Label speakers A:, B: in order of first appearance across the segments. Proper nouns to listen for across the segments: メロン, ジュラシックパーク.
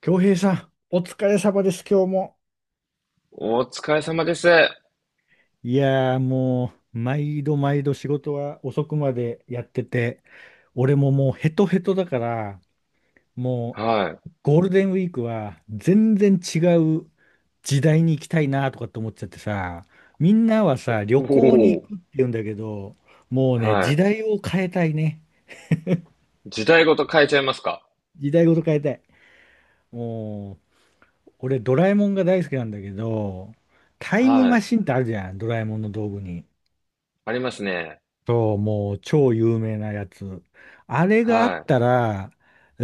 A: 京平さん、お疲れ様です、今日も。
B: お疲れ様です。
A: いやーもう、毎度毎度仕事は遅くまでやってて、俺ももうヘトヘトだから、も
B: は
A: うゴールデンウィークは全然違う時代に行きたいなとかって思っちゃってさ、みんなはさ、旅
B: い。
A: 行に
B: お
A: 行く
B: お。
A: って言うんだけど、もうね、
B: は
A: 時
B: い。
A: 代を変えたいね。
B: 時代ごと変えちゃいますか？
A: 時代ごと変えたい。もう、俺ドラえもんが大好きなんだけど、タイム
B: は
A: マ
B: い。
A: シンってあるじゃん、ドラえもんの道具に。
B: ありますね。
A: そう、もう超有名なやつ。あれがあっ
B: は
A: たら、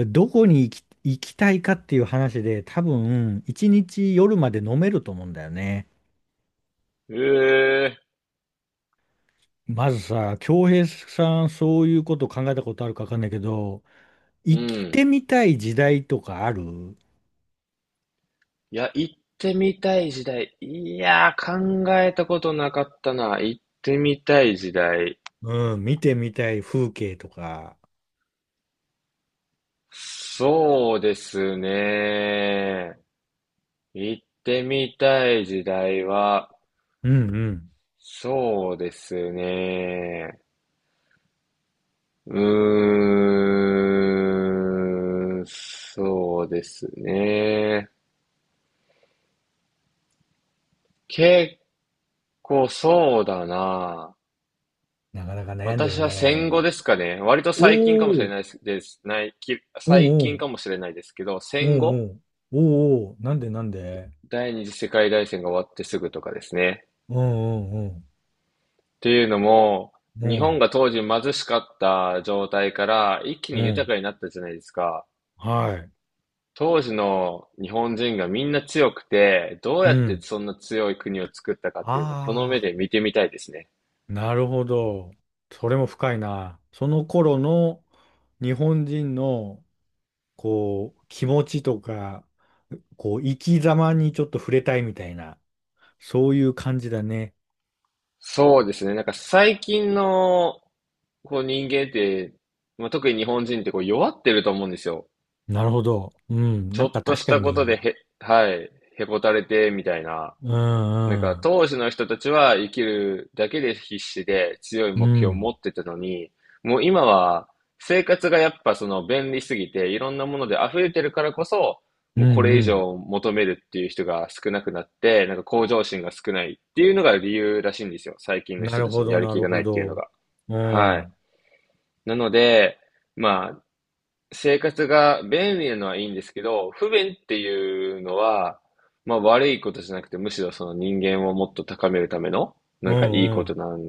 A: どこに行きたいかっていう話で、多分、一日夜まで飲めると思うんだよね。
B: い。ええ、
A: まずさ、京平さん、そういうこと考えたことあるかわかんないけど、
B: う
A: 生き
B: ん。
A: てみたい時代とかある？
B: いや、行ってみたい時代。いやー、考えたことなかったな。行ってみたい時代。
A: うん、見てみたい風景とか。
B: そうですね。行ってみたい時代は、
A: うんうん。
B: そうですね。そうですね。結構そうだな。
A: なかなか悩んで
B: 私
A: る
B: は戦後
A: ね。
B: ですかね。割と
A: お
B: 最近かもしれ
A: お、
B: ないです、ですないき
A: お
B: 最
A: う
B: 近
A: お
B: かもしれないですけど、
A: うん、
B: 戦後、
A: おうおうん、おおなんでなんで
B: 第二次世界大戦が終わってすぐとかですね。っ
A: うんうん
B: ていうのも、
A: うん、
B: 日
A: う
B: 本
A: ん。
B: が当時貧しかった状態から一気
A: う
B: に豊
A: ん。
B: かになったじゃないですか。
A: はい。
B: 当時の日本人がみんな強くて、どう
A: う
B: やって
A: ん。
B: そんな強い国を作ったかっていうのをこの
A: あ
B: 目で見てみたいですね。
A: あ、なるほど。それも深いな。その頃の日本人の、こう、気持ちとか、こう、生き様にちょっと触れたいみたいな、そういう感じだね。
B: そうですね。なんか最近のこう人間って、まあ、特に日本人ってこう弱ってると思うんですよ。
A: なるほど。うん。
B: ち
A: な
B: ょ
A: ん
B: っ
A: か
B: と
A: 確
B: し
A: か
B: たことで
A: に、
B: へ、はい、へこたれてみたいな。
A: う
B: なんか
A: んうん。
B: 当時の人たちは生きるだけで必死で強い
A: う
B: 目標を
A: ん。
B: 持ってたのに、もう今は生活がやっぱその便利すぎていろんなもので溢れてるからこそ、
A: う
B: もうこれ以
A: ん
B: 上求めるっていう人が少なくなって、なんか向上心が少ないっていうのが理由らしいんですよ。最近
A: うん。
B: の
A: な
B: 人
A: る
B: たち
A: ほ
B: に
A: ど、
B: やる
A: な
B: 気
A: る
B: がな
A: ほ
B: いっていうの
A: ど。
B: が。
A: う
B: はい。
A: ん。
B: なので、まあ生活が便利なのはいいんですけど、不便っていうのは、まあ悪いことじゃなくて、むしろその人間をもっと高めるための、
A: う
B: なんかいい
A: んう
B: こと
A: ん。
B: なん、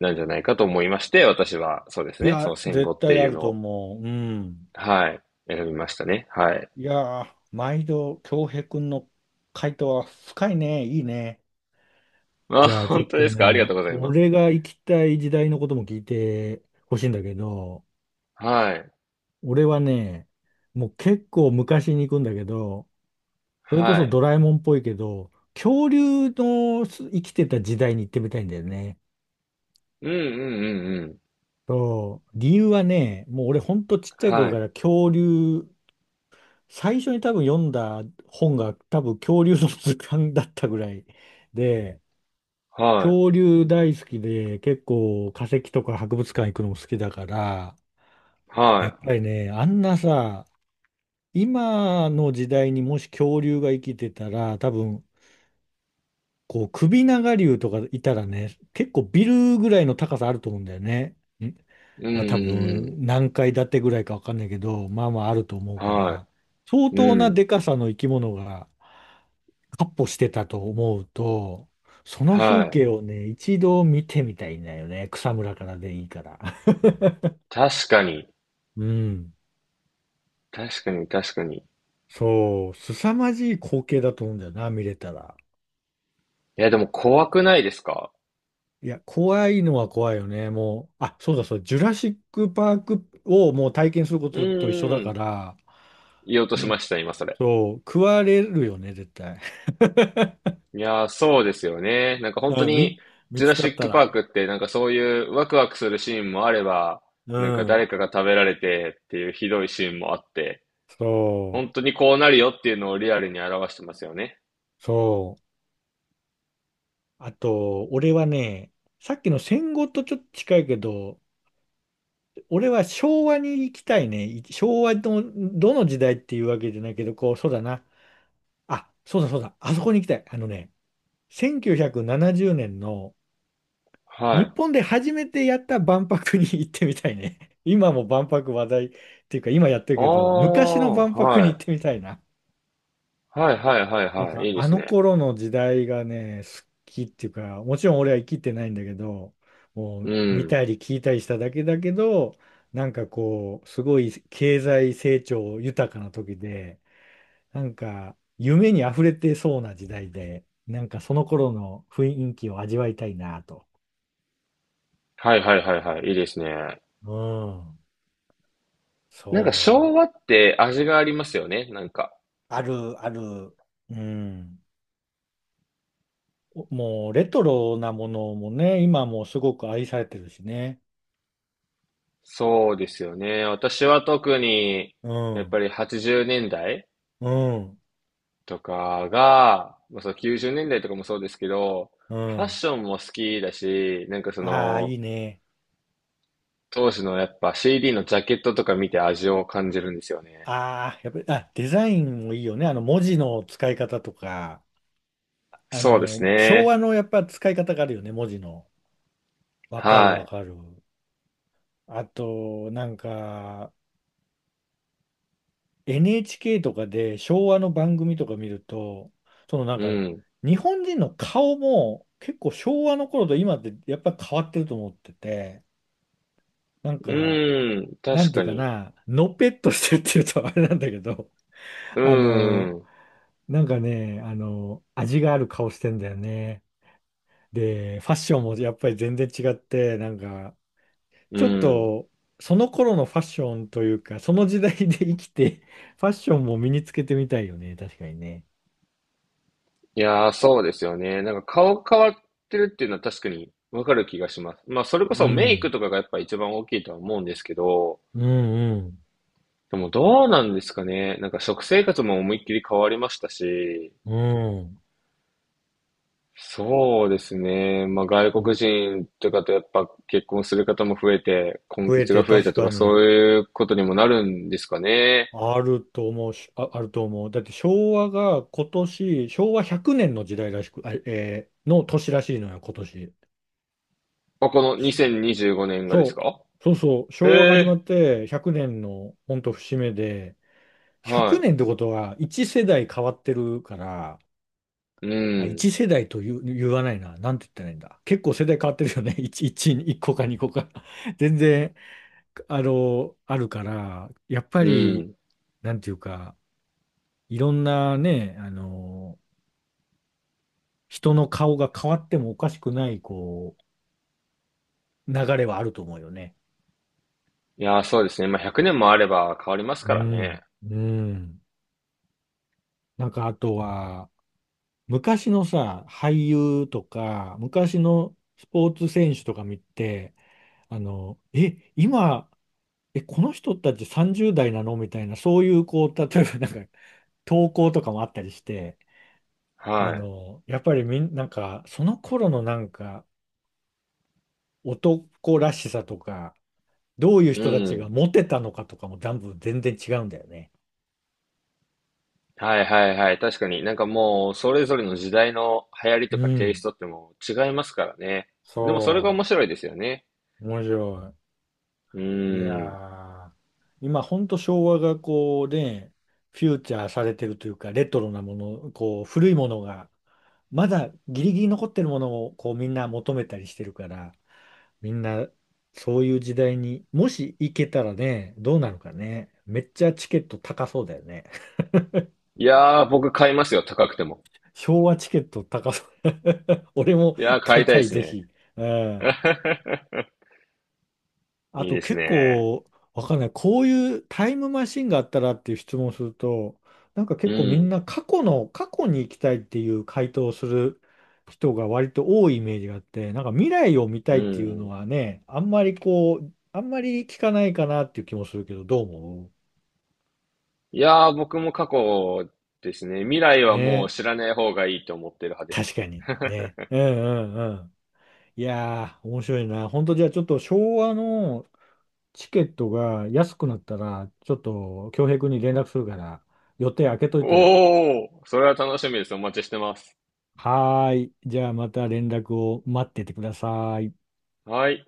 B: なんじゃないかと思いまして、私はそうです
A: い
B: ね、そ
A: や、
B: の戦後
A: 絶
B: って
A: 対あ
B: いう
A: る
B: の
A: と
B: を、
A: 思う。うん。
B: はい、選びましたね。はい。
A: いやー、毎度、京平くんの回答は深いね。いいね。
B: まあ、
A: じゃあ、ちょっ
B: 本当
A: と
B: ですか？ありが
A: ね、
B: とうございます。
A: 俺が行きたい時代のことも聞いてほしいんだけど、
B: はい。
A: 俺はね、もう結構昔に行くんだけど、それこ
B: は
A: そ
B: い。
A: ドラえもんっぽいけど、恐竜の生きてた時代に行ってみたいんだよね。
B: うんうんうんうん。
A: そう、理由はね、もう俺ほんとちっちゃい
B: は
A: 頃か
B: い。
A: ら恐竜、最初に多分読んだ本が多分恐竜の図鑑だったぐらいで、
B: は
A: 恐竜大好きで、結構化石とか博物館行くのも好きだから、
B: い。
A: やっ
B: は
A: ぱりね、あんなさ、今の時代にもし恐竜が生きてたら、多分、こう、首長竜とかいたらね、結構ビルぐらいの高さあると思うんだよね。
B: い。うんう
A: まあ多
B: んうん。
A: 分何階建てぐらいかわかんないけど、まあまああると思うか
B: は
A: ら、相
B: い。
A: 当
B: う
A: な
B: ん。
A: でかさの生き物が闊歩してたと思うと、その風
B: はい。
A: 景をね、一度見てみたいんだよね。草むらからでいいから。
B: 確かに。
A: うん。
B: 確かに確かに。
A: そう、凄まじい光景だと思うんだよな、見れたら。
B: いや、でも怖くないですか？
A: いや、怖いのは怖いよね。もう、あ、そうだそう、ジュラシックパークをもう体験するこ
B: う
A: とと一緒だ
B: ん
A: か
B: ん。
A: ら、
B: 言おうとし
A: もう、
B: ました、今それ。
A: そう、食われるよね、絶対。
B: いやー、そうですよね。なんか本当
A: うん、
B: に、
A: 見
B: ジュ
A: つ
B: ラ
A: か
B: シ
A: っ
B: ッ
A: た
B: クパー
A: ら。
B: クってなんかそういうワクワクするシーンもあれば、
A: う
B: なんか
A: ん。
B: 誰かが食べられてっていうひどいシーンもあって、
A: そう、
B: 本当にこうなるよっていうのをリアルに表してますよね。
A: そう。あと、俺はね、さっきの戦後とちょっと近いけど、俺は昭和に行きたいね。昭和のどの時代っていうわけじゃないけど、こう、そうだな。あ、そうだそうだ。あそこに行きたい。あのね、1970年の
B: は
A: 日
B: い。
A: 本で初めてやった万博に行ってみたいね。今も万博話題っていうか、今やってる
B: あ
A: けど、昔の
B: あ、
A: 万博に
B: はい。
A: 行ってみたいな。
B: はいはいはい
A: なん
B: はい。
A: か
B: いいで
A: あ
B: す
A: の
B: ね。
A: 頃の時代がね、好きっていうか、もちろん俺は生きてないんだけど、もう
B: う
A: 見
B: ん。
A: たり聞いたりしただけだけど、なんかこう、すごい経済成長豊かな時で、なんか夢に溢れてそうな時代で、なんかその頃の雰囲気を味わいたいなと。
B: はいはいはいはい。いいですね。
A: うん、
B: なんか
A: そ
B: 昭和
A: う。
B: って味がありますよね。なんか。
A: ある、ある。うん。おもうレトロなものもね、今もすごく愛されてるしね。
B: そうですよね。私は特に、
A: う
B: やっぱ
A: ん。
B: り80年代
A: うん。
B: とかが、まあ、そう90年代とかもそうですけど、
A: う
B: ファッ
A: ん。
B: ションも好きだし、なんかそ
A: ああ、い
B: の、
A: いね。
B: 当時のやっぱ CD のジャケットとか見て味を感じるんですよね。
A: ああ、やっぱり、あ、デザインもいいよね。あの、文字の使い方とか、あ
B: そうです
A: の、昭和
B: ね。
A: のやっぱ使い方があるよね、文字の。わかる
B: は
A: わ
B: い。
A: かる。あと、なんか、NHK とかで昭和の番組とか見ると、そのなん
B: う
A: か、
B: ん。
A: 日本人の顔も結構昭和の頃と今ってやっぱ変わってると思ってて、なんか、
B: うん。
A: なん
B: 確
A: てい
B: か
A: うか
B: に。
A: な、のぺっとしてるっていうとあれなんだけど、
B: う
A: あの、
B: ん。
A: なんかね、あの、味がある顔してんだよね。で、ファッションもやっぱり全然違って、なんか、
B: う
A: ちょっ
B: ん。
A: と、その頃のファッションというか、その時代で生きて、ファッションも身につけてみたいよね。確かにね。
B: いやー、そうですよね。なんか顔変わってるっていうのは確かにわかる気がします。まあ、それこ
A: う
B: そメイク
A: ん。
B: とかがやっぱ一番大きいとは思うんですけど、
A: うんうん。
B: でもどうなんですかね。なんか食生活も思いっきり変わりましたし、
A: うん。
B: そうですね。まあ、外国人とかとやっぱ結婚する方も増えて、婚
A: 増え
B: 活が
A: て
B: 増え
A: 確
B: たと
A: か
B: かそ
A: に、
B: ういうことにもなるんですかね。
A: あると思うし、あ、あると思う。だって昭和が今年、昭和100年の時代らしく、あ、の年らしいのよ、今年。
B: まあ、この2025年がです
A: そう、
B: か？
A: そうそう、
B: え
A: 昭和が始ま
B: え、
A: って100年の本当節目で、100
B: は
A: 年ってことは1世代変わってるから、
B: い。う
A: あ、
B: ん、
A: 1世代と言う、言わないな、なんて言ったらいいんだ。結構世代変わってるよね、1、1、個か2個か。全然、あの、あるから、やっぱ
B: う
A: り、
B: ん。
A: なんていうか、いろんなね、あの、人の顔が変わってもおかしくない、こう、流れはあると思うよね。
B: いやー、そうですね。まあ、100年もあれば変わります
A: う
B: から
A: ん、
B: ね。
A: うん。なんかあとは、昔のさ、俳優とか、昔のスポーツ選手とか見て、あの、え、今、え、この人たち30代なのみたいな、そういう、こう、例えばなんか、投稿とかもあったりして、あ
B: は
A: の、やっぱりなんか、その頃のなんか、男らしさとか、どういう
B: い。う
A: 人たちが
B: ん。
A: モテたのかとかも、全部全然違うんだよね。
B: はいはいはい。確かに。なんかもう、それぞれの時代の流行りと
A: う
B: かテイ
A: ん。
B: ストってもう違いますからね。でもそれが
A: そ
B: 面白いですよね。
A: う。面白い。
B: う
A: いや
B: ん。
A: ー、今ほんと昭和がこうね、フューチャーされてるというか、レトロなもの、こう古いものが、まだギリギリ残ってるものをこうみんな求めたりしてるから、みんなそういう時代にもし行けたらね、どうなるかね。めっちゃチケット高そうだよね。
B: いやー、僕買いますよ。高くても。
A: 昭和チケット高そう。俺も
B: いやー、
A: 買
B: 買い
A: い
B: たい
A: た
B: で
A: い、
B: す
A: ぜ
B: ね。
A: ひ。うん。あ
B: いい
A: と
B: です
A: 結
B: ね。
A: 構、わかんない。こういうタイムマシンがあったらっていう質問をすると、なんか
B: う
A: 結構みん
B: ん。
A: な過去に行きたいっていう回答をする人が割と多いイメージがあって、なんか未来を見た
B: う
A: いっていうの
B: ん。
A: はね、あんまりこう、あんまり聞かないかなっていう気もするけど、どう思
B: いやー、僕も過去ですね。未来
A: う
B: はもう
A: ね？
B: 知らない方がいいと思ってる派です
A: 確
B: ね。
A: かに。ね。うんうんうん。いやー、面白いな。本当じゃあちょっと昭和のチケットが安くなったら、ちょっと恭平君に連絡するから、予定開けといてよ。
B: おー、それは楽しみです。お待ちしてます。
A: はーい。じゃあまた連絡を待っててください。
B: はい。